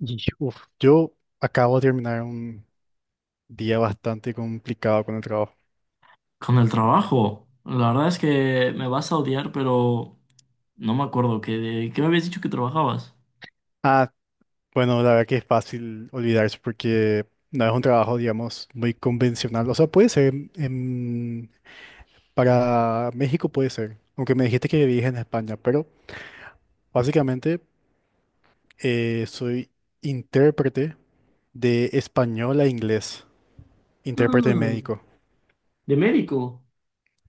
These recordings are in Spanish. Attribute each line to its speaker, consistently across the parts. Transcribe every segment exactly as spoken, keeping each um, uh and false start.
Speaker 1: Y, uf, yo acabo de terminar un día bastante complicado con el trabajo.
Speaker 2: Con el trabajo, la verdad es que me vas a odiar, pero no me acuerdo que de qué me habías dicho que trabajabas.
Speaker 1: Ah, bueno, la verdad que es fácil olvidarse porque no es un trabajo, digamos, muy convencional. O sea, puede ser en- para México puede ser, aunque me dijiste que vivís en España, pero básicamente eh, soy intérprete de español a inglés, intérprete
Speaker 2: Ah,
Speaker 1: médico.
Speaker 2: de médico.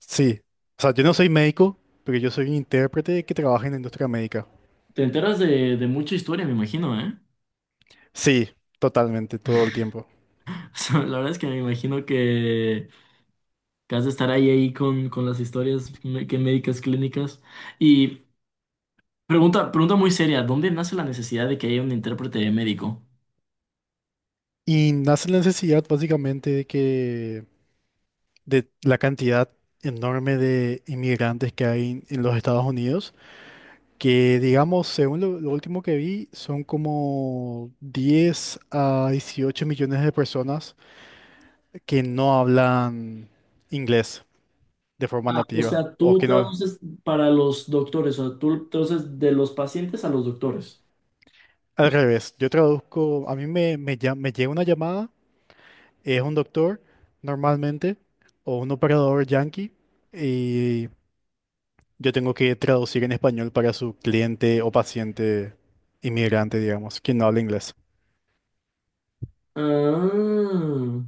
Speaker 1: Sí, o sea, yo no soy médico, pero yo soy un intérprete que trabaja en la industria médica.
Speaker 2: Te enteras de, de mucha historia, me imagino, ¿eh?
Speaker 1: Sí, totalmente, todo el tiempo.
Speaker 2: O sea, la verdad es que me imagino que, que has de estar ahí ahí con, con las historias me- que médicas clínicas. Y pregunta, pregunta muy seria, ¿dónde nace la necesidad de que haya un intérprete médico?
Speaker 1: Y nace la necesidad básicamente de que de la cantidad enorme de inmigrantes que hay en en los Estados Unidos, que digamos, según lo, lo último que vi, son como diez a dieciocho millones de personas que no hablan inglés de forma
Speaker 2: Ah, o
Speaker 1: nativa,
Speaker 2: sea,
Speaker 1: o
Speaker 2: tú
Speaker 1: que no,
Speaker 2: traduces para los doctores, o sea, tú traduces de los pacientes a los doctores.
Speaker 1: al revés, yo traduzco, a mí me, me, llam- me llega una llamada, es un doctor normalmente, o un operador yankee, y yo tengo que traducir en español para su cliente o paciente inmigrante, digamos, quien no habla inglés.
Speaker 2: Ah,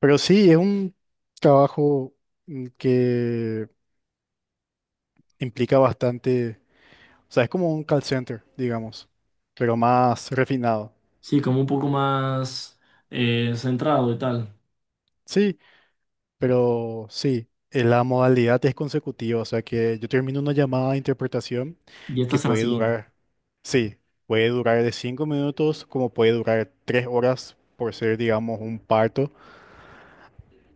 Speaker 1: Pero sí, es un trabajo mm, que implica bastante, o sea, es como un call center, digamos, pero más refinado.
Speaker 2: sí, como un poco más eh, centrado y tal.
Speaker 1: Sí, pero sí, eh, la modalidad es consecutiva, o sea que yo termino una llamada de interpretación
Speaker 2: Y esta
Speaker 1: que
Speaker 2: será la
Speaker 1: puede
Speaker 2: siguiente.
Speaker 1: durar, sí, puede durar de cinco minutos como puede durar tres horas por ser, digamos, un parto.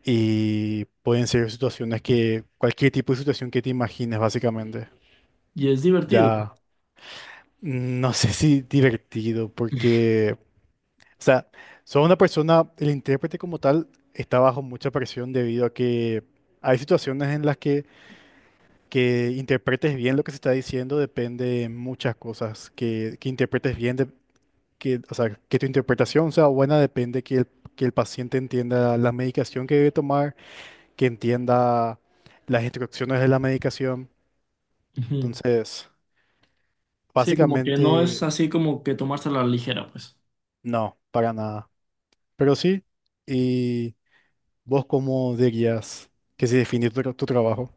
Speaker 1: Y pueden ser situaciones que, cualquier tipo de situación que te imagines, básicamente.
Speaker 2: Y es divertido.
Speaker 1: Ya, no sé si divertido, porque, o sea, soy una persona, el intérprete como tal está bajo mucha presión debido a que hay situaciones en las que, que interpretes bien lo que se está diciendo, depende de muchas cosas, que, que interpretes bien, de- que, o sea, que tu interpretación sea buena, depende que el, que el paciente entienda la medicación que debe tomar, que entienda las instrucciones de la medicación.
Speaker 2: Ujú.
Speaker 1: Entonces,
Speaker 2: Sí, como que no es
Speaker 1: básicamente,
Speaker 2: así como que tomársela a la ligera, pues.
Speaker 1: no, para nada. Pero sí, ¿y vos cómo dirías que se define tu, tra- tu trabajo?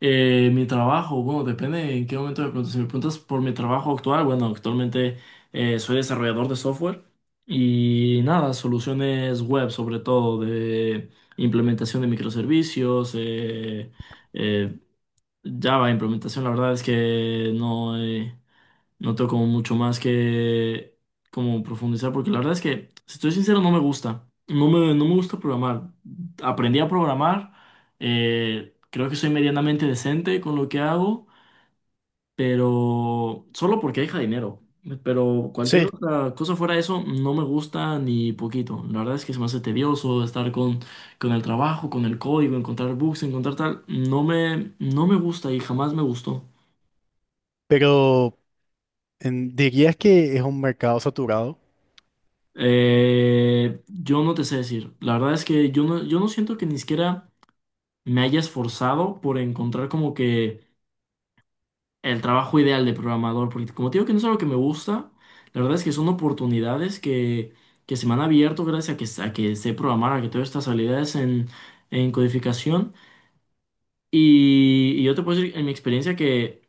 Speaker 2: Eh, mi trabajo, bueno, depende en qué momento me preguntas. Si me preguntas por mi trabajo actual, bueno, actualmente eh, soy desarrollador de software y nada, soluciones web, sobre todo de implementación de microservicios, eh, eh, Java, implementación, la verdad es que no, eh, no tengo como mucho más que como profundizar, porque la verdad es que, si estoy sincero, no me gusta. No me, no me gusta programar. Aprendí a programar, eh, creo que soy medianamente decente con lo que hago pero solo porque deja dinero. Pero cualquier
Speaker 1: Sí,
Speaker 2: otra cosa fuera de eso no me gusta ni poquito. La verdad es que se me hace tedioso estar con, con el trabajo, con el código, encontrar bugs, encontrar tal. No me, no me gusta y jamás me gustó.
Speaker 1: pero en- ¿dirías que es un mercado saturado?
Speaker 2: Eh, yo no te sé decir. La verdad es que yo no, yo no siento que ni siquiera me haya esforzado por encontrar como que el trabajo ideal de programador, porque como te digo que no es algo que me gusta, la verdad es que son oportunidades que, que se me han abierto gracias a que, a que sé programar, a que tengo estas habilidades en, en codificación. Y, y yo te puedo decir en mi experiencia que,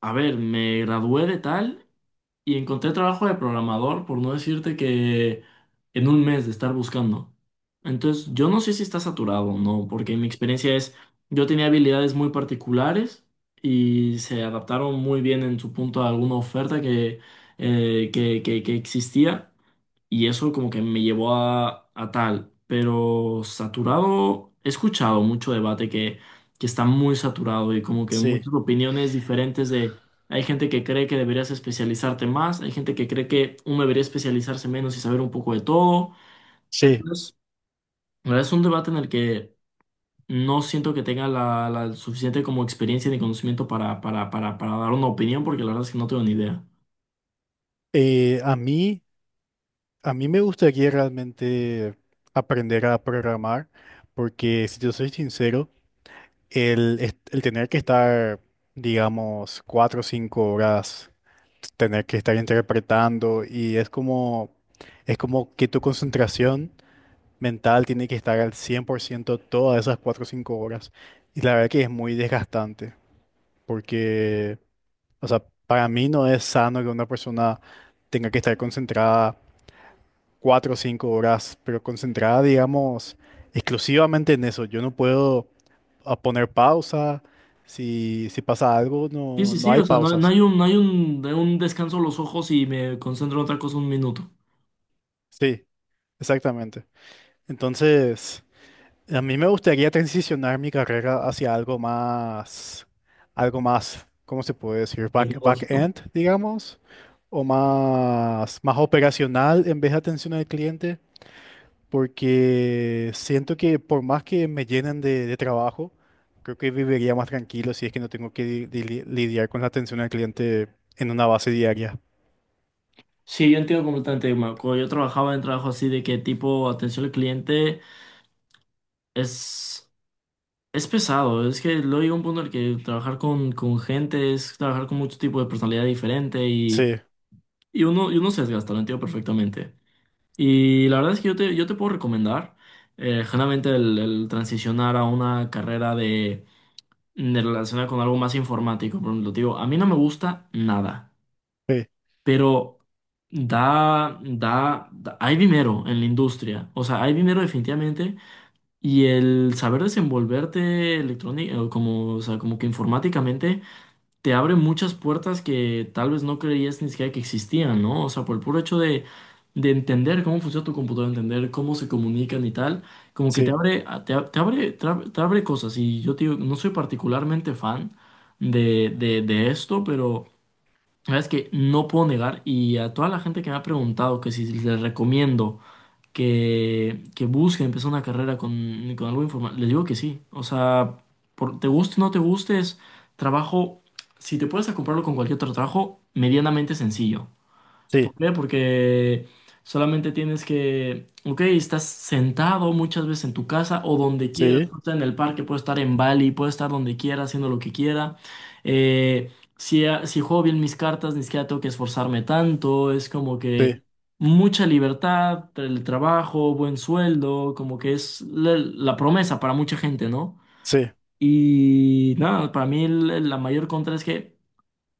Speaker 2: a ver, me gradué de tal y encontré trabajo de programador, por no decirte que en un mes de estar buscando. Entonces, yo no sé si está saturado o no, porque mi experiencia es, yo tenía habilidades muy particulares y se adaptaron muy bien en su punto a alguna oferta que, eh, que, que, que existía. Y eso como que me llevó a, a tal. Pero saturado, he escuchado mucho debate que, que está muy saturado y como que
Speaker 1: Sí,
Speaker 2: muchas opiniones diferentes de... Hay gente que cree que deberías especializarte más, hay gente que cree que uno debería especializarse menos y saber un poco de todo.
Speaker 1: sí.
Speaker 2: Entonces, la verdad es un debate en el que no siento que tenga la, la suficiente como experiencia ni conocimiento para, para, para, para dar una opinión porque la verdad es que no tengo ni idea.
Speaker 1: Eh, a mí, a mí me gustaría realmente aprender a programar, porque si yo soy sincero, El, est- el tener que estar, digamos, cuatro o cinco horas, tener que estar interpretando y es como, es como que tu concentración mental tiene que estar al cien por ciento todas esas cuatro o cinco horas. Y la verdad que es muy desgastante porque, o sea, para mí no es sano que una persona tenga que estar concentrada cuatro o cinco horas, pero concentrada, digamos, exclusivamente en eso. Yo no puedo a poner pausa. Si, si pasa algo,
Speaker 2: Sí,
Speaker 1: no,
Speaker 2: sí,
Speaker 1: no
Speaker 2: sí,
Speaker 1: hay
Speaker 2: o sea, no, no
Speaker 1: pausas.
Speaker 2: hay un, no hay un, de un descanso los ojos y me concentro en otra cosa un minuto.
Speaker 1: Sí, exactamente. Entonces, a mí me gustaría transicionar mi carrera hacia algo más, algo más, ¿cómo se puede decir? Back,
Speaker 2: Tecnológico.
Speaker 1: back-end, digamos, o más, más operacional en vez de atención al cliente, porque siento que por más que me llenen de, de trabajo, creo que viviría más tranquilo si es que no tengo que li- li- lidiar con la atención al cliente en una base diaria.
Speaker 2: Sí, yo entiendo completamente, Marco. Cuando yo trabajaba en trabajo así de que tipo atención al cliente es, es pesado. Es que luego llega un punto en el que trabajar con, con gente es trabajar con mucho tipo de personalidad diferente y,
Speaker 1: Sí,
Speaker 2: y uno, y uno se desgasta, lo entiendo perfectamente. Y la verdad es que yo te, yo te puedo recomendar, eh, generalmente el el transicionar a una carrera de de relacionar con algo más informático. Por ejemplo, te digo, a mí no me gusta nada,
Speaker 1: sí,
Speaker 2: pero da, da, da- hay dinero en la industria. O sea, hay dinero definitivamente. Y el saber desenvolverte electrónico, como, o sea, como que informáticamente te abre muchas puertas que tal vez no creías ni siquiera que existían, ¿no? O sea, por el puro hecho de, de entender cómo funciona tu computadora, entender cómo se comunican y tal, como que te
Speaker 1: sí,
Speaker 2: abre, a- te, a- te abre, te ab- te abre cosas. Y yo te digo, no soy particularmente fan de, de, de esto, pero la verdad es que no puedo negar. Y a toda la gente que me ha preguntado que si les recomiendo que, que busque empezar una carrera con, con algo informal. Les digo que sí. O sea, por, te guste o no te guste, es trabajo. Si te puedes a comprarlo con cualquier otro trabajo, medianamente sencillo. ¿Por
Speaker 1: sí,
Speaker 2: qué? Porque solamente tienes que, ok, estás sentado muchas veces en tu casa o donde quieras,
Speaker 1: sí,
Speaker 2: puedes estar en el parque, puedes estar en Bali, puedes estar donde quiera, haciendo lo que quiera. Eh, si, ah, si juego bien mis cartas, ni siquiera tengo que esforzarme tanto, es como
Speaker 1: sí,
Speaker 2: que mucha libertad, el trabajo, buen sueldo, como que es la, la promesa para mucha gente, ¿no?
Speaker 1: sí,
Speaker 2: Y nada, para mí el- la mayor contra es que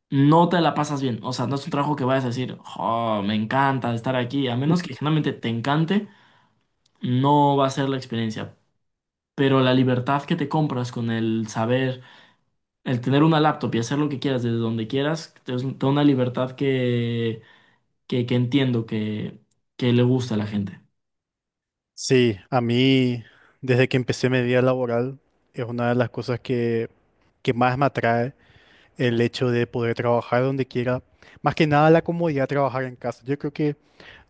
Speaker 2: no te la pasas bien. O sea, no es un trabajo que vayas a decir, oh, me encanta estar aquí. A menos que generalmente te encante, no va a ser la experiencia. Pero la libertad que te compras con el saber, el tener una laptop y hacer lo que quieras desde donde quieras, te es- te da una libertad que, que, que entiendo que, que le gusta a la gente.
Speaker 1: sí. A mí, desde que empecé mi vida laboral, es una de las cosas que, que más me atrae el hecho de poder trabajar donde quiera. Más que nada la comodidad de trabajar en casa. Yo creo que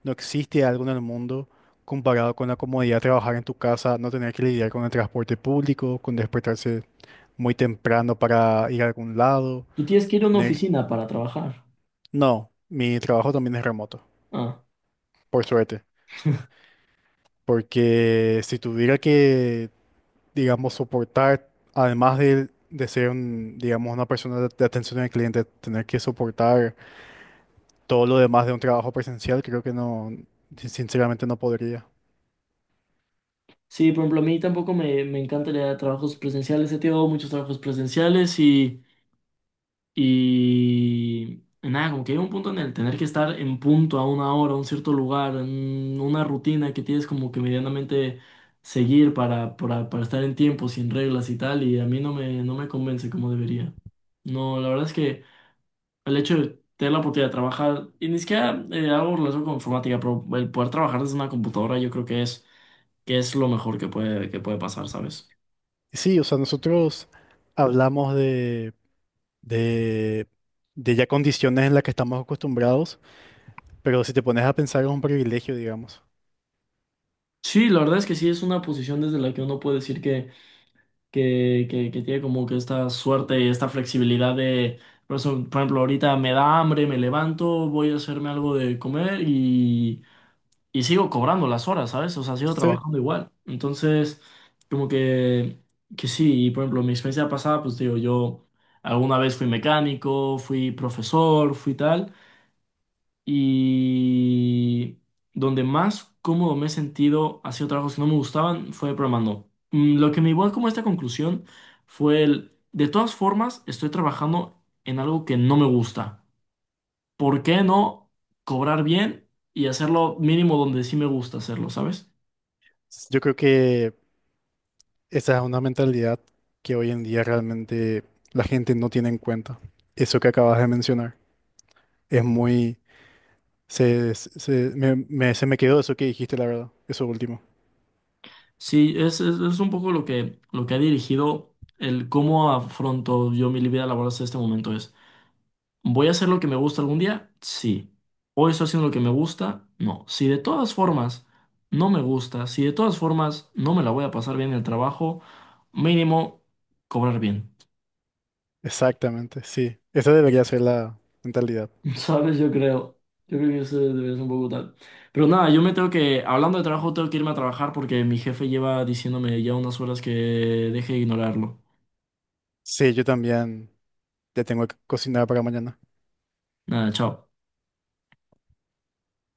Speaker 1: no existe algo en el mundo comparado con la comodidad de trabajar en tu casa, no tener que lidiar con el transporte público, con despertarse muy temprano para ir a algún lado.
Speaker 2: Tú tienes que ir a una
Speaker 1: tener-
Speaker 2: oficina para trabajar.
Speaker 1: No, mi trabajo también es remoto.
Speaker 2: Ah.
Speaker 1: Por suerte, porque si tuviera que, digamos, soportar, además de, de ser, un, digamos, una persona de, de atención al cliente, tener que soportar todo lo demás de un trabajo presencial, creo que no, sin- sinceramente no podría.
Speaker 2: Sí, por ejemplo, a mí tampoco me, me encanta el idea de trabajos presenciales. He tenido muchos trabajos presenciales y Y nada, como que hay un punto en el tener que estar en punto a una hora, a un cierto lugar, en una rutina que tienes como que medianamente seguir para, para, para estar en tiempo, sin reglas y tal, y a mí no me, no me convence como debería. No, la verdad es que el hecho de tener la oportunidad de trabajar, y ni siquiera eh, hago relación con informática, pero el poder trabajar desde una computadora yo creo que es, que es lo mejor que puede, que puede pasar, ¿sabes?
Speaker 1: Sí, o sea, nosotros hablamos de, de, de ya condiciones en las que estamos acostumbrados, pero si te pones a pensar es un privilegio, digamos.
Speaker 2: Sí, la verdad es que sí, es una posición desde la que uno puede decir que, que, que tiene como que esta suerte y esta flexibilidad de, por eso, por ejemplo, ahorita me da hambre, me levanto, voy a hacerme algo de comer y, y sigo cobrando las horas, ¿sabes? O sea, sigo
Speaker 1: Sí.
Speaker 2: trabajando igual. Entonces, como que, que sí, y por ejemplo, mi experiencia pasada, pues digo, yo alguna vez fui mecánico, fui profesor, fui tal. Y donde más cómodo me he sentido haciendo trabajos que no me gustaban fue programando. Mm, Lo que me llevó como a esta conclusión fue el, de todas formas, estoy trabajando en algo que no me gusta. ¿Por qué no cobrar bien y hacerlo mínimo donde sí me gusta hacerlo, ¿sabes?
Speaker 1: Yo creo que esa es una mentalidad que hoy en día realmente la gente no tiene en cuenta. Eso que acabas de mencionar es muy... Se, se, me, me- se me quedó eso que dijiste, la verdad. Eso último.
Speaker 2: Sí, es, es, es un poco lo que, lo que ha dirigido el cómo afronto yo mi vida laboral hasta este momento es. ¿Voy a hacer lo que me gusta algún día? Sí. ¿Hoy estoy haciendo lo que me gusta? No. Si de todas formas no me gusta, si de todas formas no me la voy a pasar bien en el trabajo, mínimo cobrar bien.
Speaker 1: Exactamente, sí. Esa debería ser la mentalidad.
Speaker 2: ¿Sabes? Yo creo. Yo creo que eso debería ser un poco tal. Pero nada, yo me tengo que, hablando de trabajo, tengo que irme a trabajar porque mi jefe lleva diciéndome ya unas horas que deje de ignorarlo.
Speaker 1: Sí, yo también ya tengo que cocinar para mañana.
Speaker 2: Nada, chao.